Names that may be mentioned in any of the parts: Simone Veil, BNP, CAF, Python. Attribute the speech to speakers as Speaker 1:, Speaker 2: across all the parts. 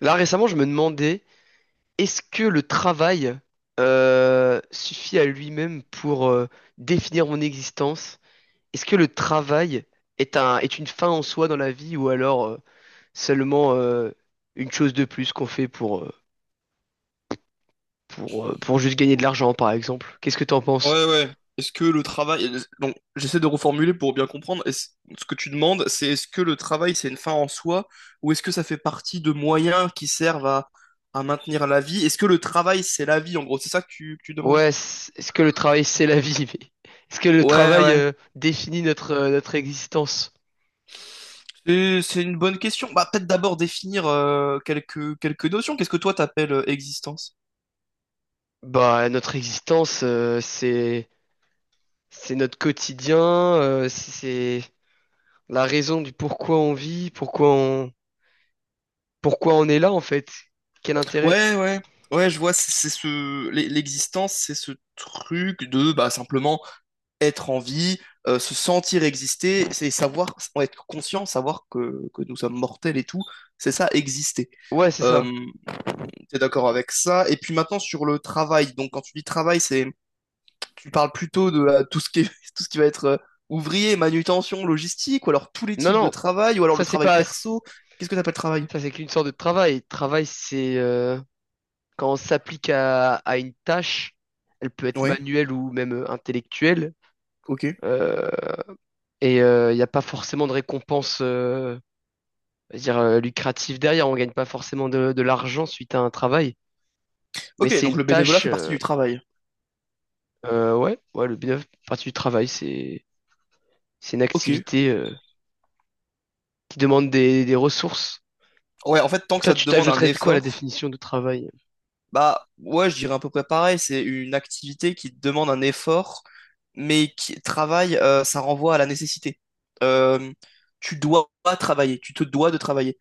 Speaker 1: Là, récemment, je me demandais, est-ce que le travail suffit à lui-même pour définir mon existence? Est-ce que le travail est une fin en soi dans la vie ou alors seulement une chose de plus qu'on fait pour juste gagner de l'argent, par exemple? Qu'est-ce que t'en penses?
Speaker 2: Ouais, ouais. Est-ce que le travail... Donc, j'essaie de reformuler pour bien comprendre. Ce que tu demandes, c'est est-ce que le travail, c'est une fin en soi, ou est-ce que ça fait partie de moyens qui servent à maintenir la vie? Est-ce que le travail, c'est la vie, en gros? C'est ça que tu demandes?
Speaker 1: Ouais, est-ce que le travail, c'est la vie? Mais est-ce que le
Speaker 2: Ouais,
Speaker 1: travail
Speaker 2: ouais.
Speaker 1: définit notre existence?
Speaker 2: C'est une bonne question. Bah, peut-être d'abord définir quelques, quelques notions. Qu'est-ce que toi, t'appelles existence?
Speaker 1: Bah, notre existence, c'est notre quotidien, c'est la raison du pourquoi on vit, pourquoi on est là en fait. Quel intérêt?
Speaker 2: Ouais, ouais, ouais, je vois, l'existence, c'est ce truc de, bah, simplement être en vie, se sentir exister, c'est savoir, être conscient, savoir que nous sommes mortels et tout, c'est ça, exister.
Speaker 1: Ouais, c'est ça.
Speaker 2: Euh, T'es d'accord avec ça? Et puis maintenant sur le travail, donc quand tu dis travail, c'est, tu parles plutôt de tout ce qui est- tout ce qui va être ouvrier, manutention, logistique, ou alors tous les
Speaker 1: Non,
Speaker 2: types de
Speaker 1: non,
Speaker 2: travail, ou alors
Speaker 1: ça
Speaker 2: le
Speaker 1: c'est
Speaker 2: travail
Speaker 1: pas, ça
Speaker 2: perso. Qu'est-ce que t'appelles travail?
Speaker 1: c'est qu'une sorte de travail. Travail, c'est quand on s'applique à une tâche, elle peut être
Speaker 2: Ouais,
Speaker 1: manuelle ou même intellectuelle,
Speaker 2: ok.
Speaker 1: euh, et il n'y a pas forcément de récompense, je veux dire lucrative derrière. On gagne pas forcément de l'argent suite à un travail, mais
Speaker 2: Ok,
Speaker 1: c'est
Speaker 2: donc
Speaker 1: une
Speaker 2: le bénévolat
Speaker 1: tâche.
Speaker 2: fait partie du travail.
Speaker 1: Ouais, ouais, le bien partie du travail, c'est une
Speaker 2: Ok.
Speaker 1: activité qui demande des ressources.
Speaker 2: Ouais, en fait, tant que
Speaker 1: Toi,
Speaker 2: ça te
Speaker 1: tu
Speaker 2: demande un
Speaker 1: t'ajouterais de quoi à la
Speaker 2: effort,
Speaker 1: définition de travail?
Speaker 2: bah ouais, je dirais à peu près pareil. C'est une activité qui demande un effort, mais qui travaille, ça renvoie à la nécessité. Euh, Tu dois travailler, tu te dois de travailler.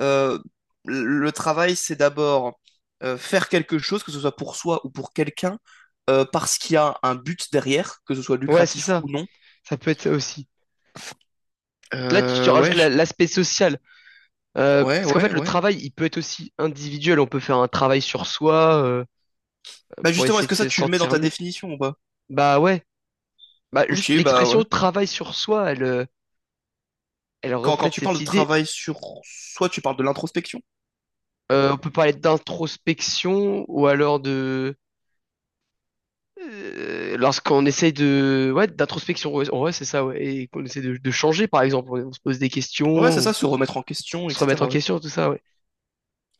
Speaker 2: Euh, le travail, c'est d'abord faire quelque chose, que ce soit pour soi ou pour quelqu'un, parce qu'il y a un but derrière, que ce soit
Speaker 1: Ouais, c'est
Speaker 2: lucratif
Speaker 1: ça.
Speaker 2: ou non.
Speaker 1: Ça peut être ça aussi. Là, tu
Speaker 2: Euh,
Speaker 1: rajoutes
Speaker 2: ouais, je-
Speaker 1: l'aspect social.
Speaker 2: ouais,
Speaker 1: Parce qu'en
Speaker 2: ouais,
Speaker 1: fait, le
Speaker 2: ouais.
Speaker 1: travail, il peut être aussi individuel. On peut faire un travail sur soi
Speaker 2: Bah
Speaker 1: pour
Speaker 2: justement, est-ce
Speaker 1: essayer de
Speaker 2: que ça,
Speaker 1: se
Speaker 2: tu le mets dans
Speaker 1: sentir
Speaker 2: ta
Speaker 1: mieux.
Speaker 2: définition ou pas?
Speaker 1: Bah ouais. Bah juste
Speaker 2: Ok, bah
Speaker 1: l'expression
Speaker 2: ouais.
Speaker 1: travail sur soi, elle
Speaker 2: Quand
Speaker 1: reflète
Speaker 2: tu
Speaker 1: cette
Speaker 2: parles de
Speaker 1: idée.
Speaker 2: travail sur soi, tu parles de l'introspection.
Speaker 1: On peut parler d'introspection ou alors de lorsqu'on essaye de ouais d'introspection ouais, en vrai, c'est ça ouais et qu'on essaie de changer par exemple on se pose des
Speaker 2: Ouais, c'est
Speaker 1: questions,
Speaker 2: ça, se remettre en question,
Speaker 1: on se remet en
Speaker 2: etc. Ouais.
Speaker 1: question tout ça ouais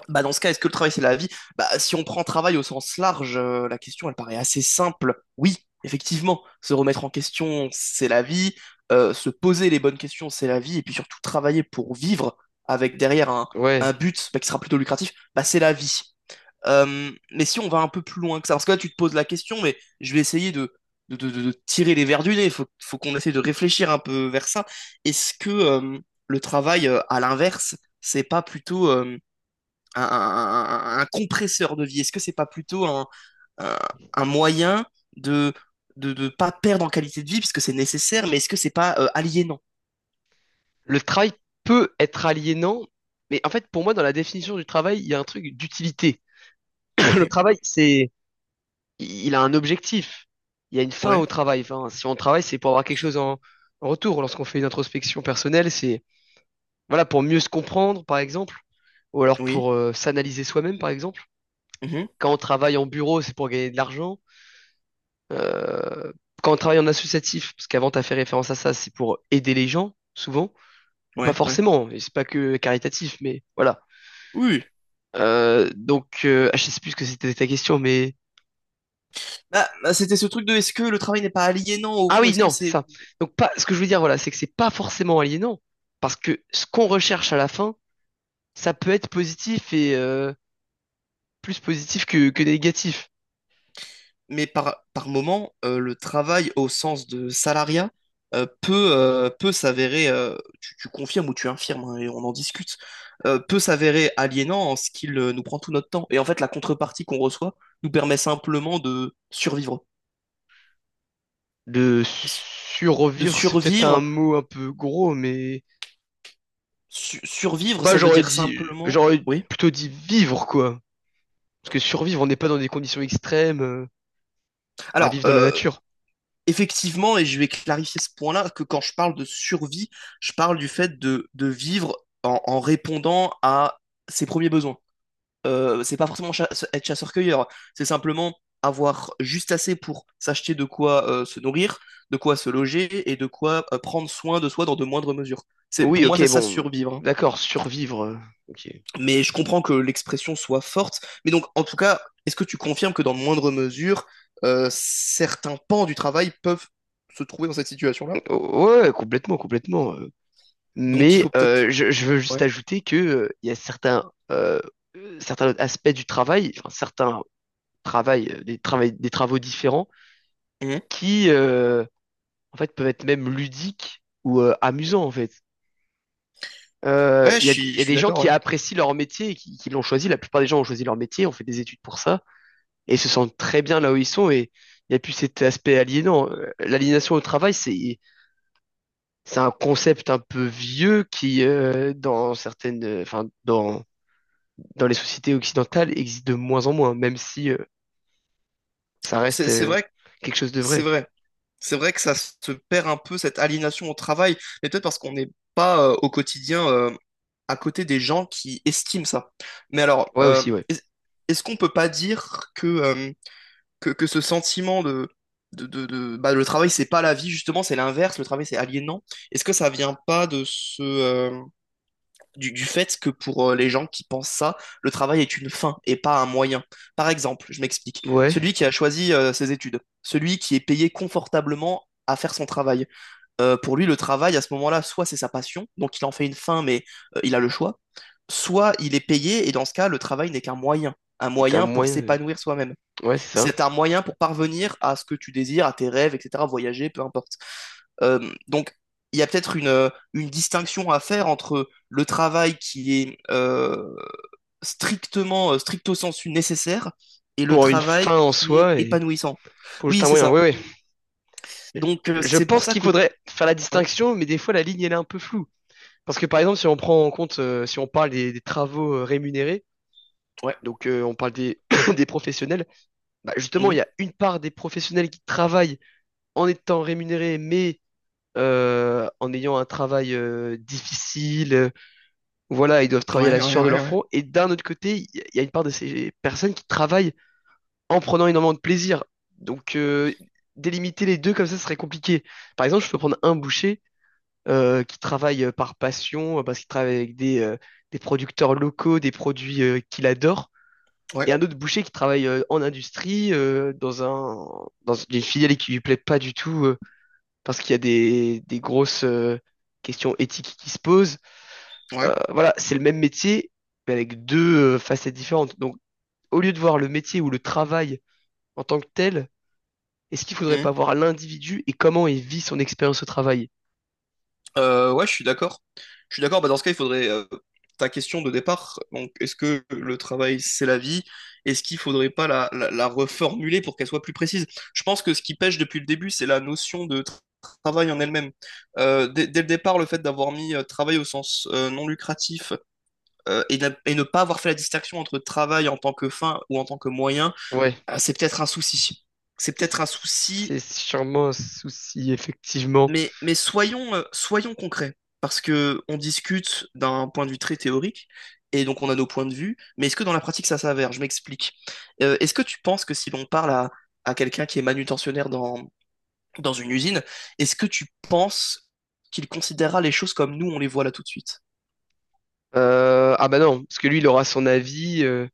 Speaker 2: Bah, dans ce cas, est-ce que le travail, c'est la vie? Bah, si on prend travail au sens large, la question, elle paraît assez simple. Oui, effectivement, se remettre en question, c'est la vie. Se poser les bonnes questions, c'est la vie. Et puis surtout, travailler pour vivre avec derrière un
Speaker 1: ouais,
Speaker 2: but bah, qui sera plutôt lucratif, bah, c'est la vie. Mais si on va un peu plus loin que ça, parce que là tu te poses la question, mais je vais essayer de tirer les vers du nez, il faut, faut qu'on essaie de réfléchir un peu vers ça. Est-ce que le travail, à l'inverse, c'est pas plutôt un compresseur de vie? Est-ce que c'est pas plutôt un, un moyen de de ne pas perdre en qualité de vie, puisque c'est nécessaire, mais est-ce que c'est pas aliénant?
Speaker 1: le travail peut être aliénant, mais en fait pour moi dans la définition du travail il y a un truc d'utilité. Le
Speaker 2: Ok,
Speaker 1: travail c'est il a un objectif, il y a une fin
Speaker 2: ouais,
Speaker 1: au travail, enfin si on travaille c'est pour avoir quelque chose en retour. Lorsqu'on fait une introspection personnelle c'est voilà pour mieux se comprendre par exemple, ou alors
Speaker 2: oui,
Speaker 1: pour s'analyser soi-même par exemple.
Speaker 2: mhm,
Speaker 1: Quand on travaille en bureau c'est pour gagner de l'argent. Euh, quand on travaille en associatif, parce qu'avant t'as fait référence à ça, c'est pour aider les gens, souvent, ou pas
Speaker 2: ouais, ouais.
Speaker 1: forcément, et c'est pas que caritatif, mais voilà.
Speaker 2: Oui,
Speaker 1: Je sais plus ce que c'était ta question, mais
Speaker 2: bah, bah, c'était ce truc de est-ce que le travail n'est pas aliénant au
Speaker 1: ah
Speaker 2: fond?
Speaker 1: oui,
Speaker 2: Est-ce que
Speaker 1: non, c'est
Speaker 2: c'est
Speaker 1: ça. Donc pas, ce que je veux dire, voilà, c'est que c'est pas forcément aliénant, parce que ce qu'on recherche à la fin, ça peut être positif et plus positif que négatif.
Speaker 2: mais par moment, le travail au sens de salariat euh, peut s'avérer, tu confirmes ou tu infirmes, hein, et on en discute, peut s'avérer aliénant en ce qu'il nous prend tout notre temps. Et en fait, la contrepartie qu'on reçoit nous permet simplement de survivre.
Speaker 1: De
Speaker 2: De
Speaker 1: survivre, c'est peut-être un
Speaker 2: survivre,
Speaker 1: mot un peu gros, mais
Speaker 2: survivre,
Speaker 1: moi
Speaker 2: ça veut
Speaker 1: j'aurais
Speaker 2: dire
Speaker 1: dit,
Speaker 2: simplement...
Speaker 1: j'aurais
Speaker 2: Oui.
Speaker 1: plutôt dit vivre, quoi. Parce que survivre, on n'est pas dans des conditions extrêmes, à
Speaker 2: Alors,
Speaker 1: vivre dans la nature.
Speaker 2: effectivement, et je vais clarifier ce point-là, que quand je parle de survie, je parle du fait de vivre en en répondant à ses premiers besoins. C'est pas forcément être chasseur-cueilleur, c'est simplement avoir juste assez pour s'acheter de quoi se nourrir, de quoi se loger et de quoi prendre soin de soi dans de moindres mesures. C'est,
Speaker 1: Oui,
Speaker 2: pour moi, c'est
Speaker 1: ok,
Speaker 2: ça
Speaker 1: bon,
Speaker 2: survivre, hein.
Speaker 1: d'accord, survivre. Ok.
Speaker 2: Mais je comprends que l'expression soit forte. Mais donc, en tout cas, est-ce que tu confirmes que dans de moindres mesures, certains pans du travail peuvent se trouver dans cette situation-là?
Speaker 1: Ouais, complètement, complètement.
Speaker 2: Donc, il
Speaker 1: Mais
Speaker 2: faut peut-être...
Speaker 1: je veux juste
Speaker 2: Ouais.
Speaker 1: ajouter que il y a certains autres aspects du travail, enfin, certains travail, des travaux différents
Speaker 2: Mhm.
Speaker 1: qui, euh, en fait, peuvent être même ludiques ou amusants, en fait.
Speaker 2: Ouais,
Speaker 1: Il
Speaker 2: je
Speaker 1: y a
Speaker 2: suis
Speaker 1: des gens
Speaker 2: d'accord,
Speaker 1: qui
Speaker 2: ouais.
Speaker 1: apprécient leur métier, et qui l'ont choisi. La plupart des gens ont choisi leur métier, ont fait des études pour ça, et se sentent très bien là où ils sont et il n'y a plus cet aspect aliénant. L'aliénation au travail, c'est un concept un peu vieux qui dans certaines enfin, dans dans les sociétés occidentales existe de moins en moins même si ça reste
Speaker 2: C'est vrai,
Speaker 1: quelque chose de
Speaker 2: c'est
Speaker 1: vrai.
Speaker 2: vrai. C'est vrai que ça se perd un peu, cette aliénation au travail, mais peut-être parce qu'on n'est pas au quotidien à côté des gens qui estiment ça. Mais alors,
Speaker 1: Ouais aussi ouais.
Speaker 2: est-ce qu'on peut pas dire que ce sentiment bah, le travail, c'est pas la vie, justement, c'est l'inverse, le travail, c'est aliénant. Est-ce que ça vient pas de ce, du fait que pour les gens qui pensent ça, le travail est une fin et pas un moyen. Par exemple, je m'explique,
Speaker 1: Ouais,
Speaker 2: celui qui a choisi ses études, celui qui est payé confortablement à faire son travail. Pour lui, le travail, à ce moment-là, soit c'est sa passion, donc il en fait une fin, mais il a le choix, soit il est payé, et dans ce cas, le travail n'est qu'un moyen, un
Speaker 1: c'est un
Speaker 2: moyen pour s'épanouir soi-même.
Speaker 1: ouais, c'est ça.
Speaker 2: C'est un moyen pour parvenir à ce que tu désires, à tes rêves, etc., voyager, peu importe. Donc, il y a peut-être une distinction à faire entre le travail qui est strictement, stricto sensu nécessaire et le
Speaker 1: Pour une
Speaker 2: travail
Speaker 1: fin en
Speaker 2: qui est
Speaker 1: soi et
Speaker 2: épanouissant.
Speaker 1: pour juste
Speaker 2: Oui,
Speaker 1: un
Speaker 2: c'est
Speaker 1: moyen.
Speaker 2: ça.
Speaker 1: Ouais ouais.
Speaker 2: Donc,
Speaker 1: Je
Speaker 2: c'est pour
Speaker 1: pense
Speaker 2: ça
Speaker 1: qu'il
Speaker 2: que...
Speaker 1: faudrait faire la
Speaker 2: Ouais,
Speaker 1: distinction, mais des fois la ligne elle est un peu floue. Parce que par exemple, si on prend en compte, si on parle des travaux rémunérés,
Speaker 2: ouais,
Speaker 1: On parle des, des professionnels. Bah, justement, il
Speaker 2: mhm.
Speaker 1: y a une part des professionnels qui travaillent en étant rémunérés, mais en ayant un travail difficile. Voilà, ils doivent travailler à la
Speaker 2: Ouais, ouais,
Speaker 1: sueur de
Speaker 2: ouais,
Speaker 1: leur
Speaker 2: ouais,
Speaker 1: front. Et d'un autre côté, il y a une part de ces personnes qui travaillent en prenant énormément de plaisir. Donc euh, délimiter les deux comme ça serait compliqué. Par exemple, je peux prendre un boucher qui travaille par passion, parce qu'il travaille avec des producteurs locaux, des produits qu'il adore,
Speaker 2: ouais,
Speaker 1: et un autre boucher qui travaille en industrie, dans une filiale qui lui plaît pas du tout, parce qu'il y a des grosses questions éthiques qui se posent.
Speaker 2: ouais.
Speaker 1: Voilà, c'est le même métier, mais avec deux facettes différentes. Donc, au lieu de voir le métier ou le travail en tant que tel, est-ce qu'il faudrait
Speaker 2: Mhm.
Speaker 1: pas voir l'individu et comment il vit son expérience au travail?
Speaker 2: Ouais, je suis d'accord. Je suis d'accord. Bah, dans ce cas, il faudrait ta question de départ. Donc, est-ce que le travail, c'est la vie? Est-ce qu'il faudrait pas la reformuler pour qu'elle soit plus précise? Je pense que ce qui pêche depuis le début, c'est la notion de travail en elle-même. Euh, dès le départ, le fait d'avoir mis travail au sens non lucratif et ne pas avoir fait la distinction entre travail en tant que fin ou en tant que moyen,
Speaker 1: Ouais.
Speaker 2: c'est peut-être un souci. C'est peut-être un souci
Speaker 1: C'est sûrement un souci, effectivement.
Speaker 2: mais soyons, soyons concrets, parce que on discute d'un point de vue très théorique, et donc on a nos points de vue, mais est-ce que dans la pratique ça s'avère? Je m'explique. Est-ce que tu penses que si l'on parle à quelqu'un qui est manutentionnaire dans, dans une usine, est-ce que tu penses qu'il considérera les choses comme nous on les voit là tout de suite?
Speaker 1: Ah bah non, parce que lui, il aura son avis.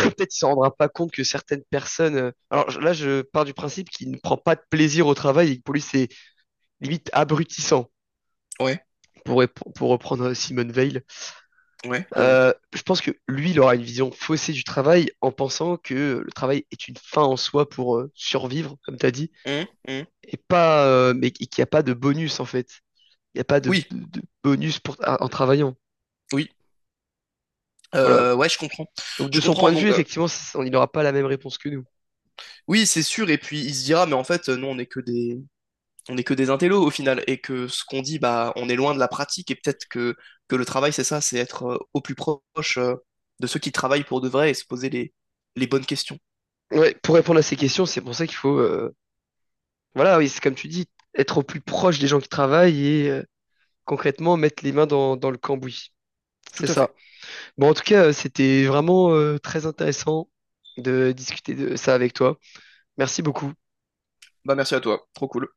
Speaker 1: Peut-être il s'en rendra pas compte que certaines personnes. Alors là, je pars du principe qu'il ne prend pas de plaisir au travail et que pour lui, c'est limite abrutissant.
Speaker 2: Ouais,
Speaker 1: Pour, pour reprendre Simone Veil,
Speaker 2: ouais, bien vu.
Speaker 1: Je pense que lui, il aura une vision faussée du travail en pensant que le travail est une fin en soi pour survivre, comme tu as dit,
Speaker 2: Hum, hum.
Speaker 1: et pas, mais qu'il n'y a pas de bonus en fait. Il n'y a pas
Speaker 2: Oui,
Speaker 1: bonus pour, en travaillant.
Speaker 2: oui.
Speaker 1: Voilà.
Speaker 2: Ouais, je comprends.
Speaker 1: Donc de
Speaker 2: Je
Speaker 1: son point
Speaker 2: comprends.
Speaker 1: de vue,
Speaker 2: Donc,
Speaker 1: effectivement, on il n'aura pas la même réponse que nous.
Speaker 2: oui, c'est sûr. Et puis, il se dira, mais en fait, nous, on n'est que des, on n'est que des intellos au final et que ce qu'on dit, bah, on est loin de la pratique et peut-être que le travail, c'est ça, c'est être au plus proche de ceux qui travaillent pour de vrai et se poser les bonnes questions.
Speaker 1: Ouais, pour répondre à ces questions, c'est pour ça qu'il faut voilà, oui, c'est comme tu dis, être au plus proche des gens qui travaillent et concrètement mettre les mains dans le cambouis.
Speaker 2: Tout
Speaker 1: C'est
Speaker 2: à
Speaker 1: ça.
Speaker 2: fait.
Speaker 1: Bon, en tout cas, c'était vraiment très intéressant de discuter de ça avec toi. Merci beaucoup.
Speaker 2: Bah, merci à toi. Trop cool.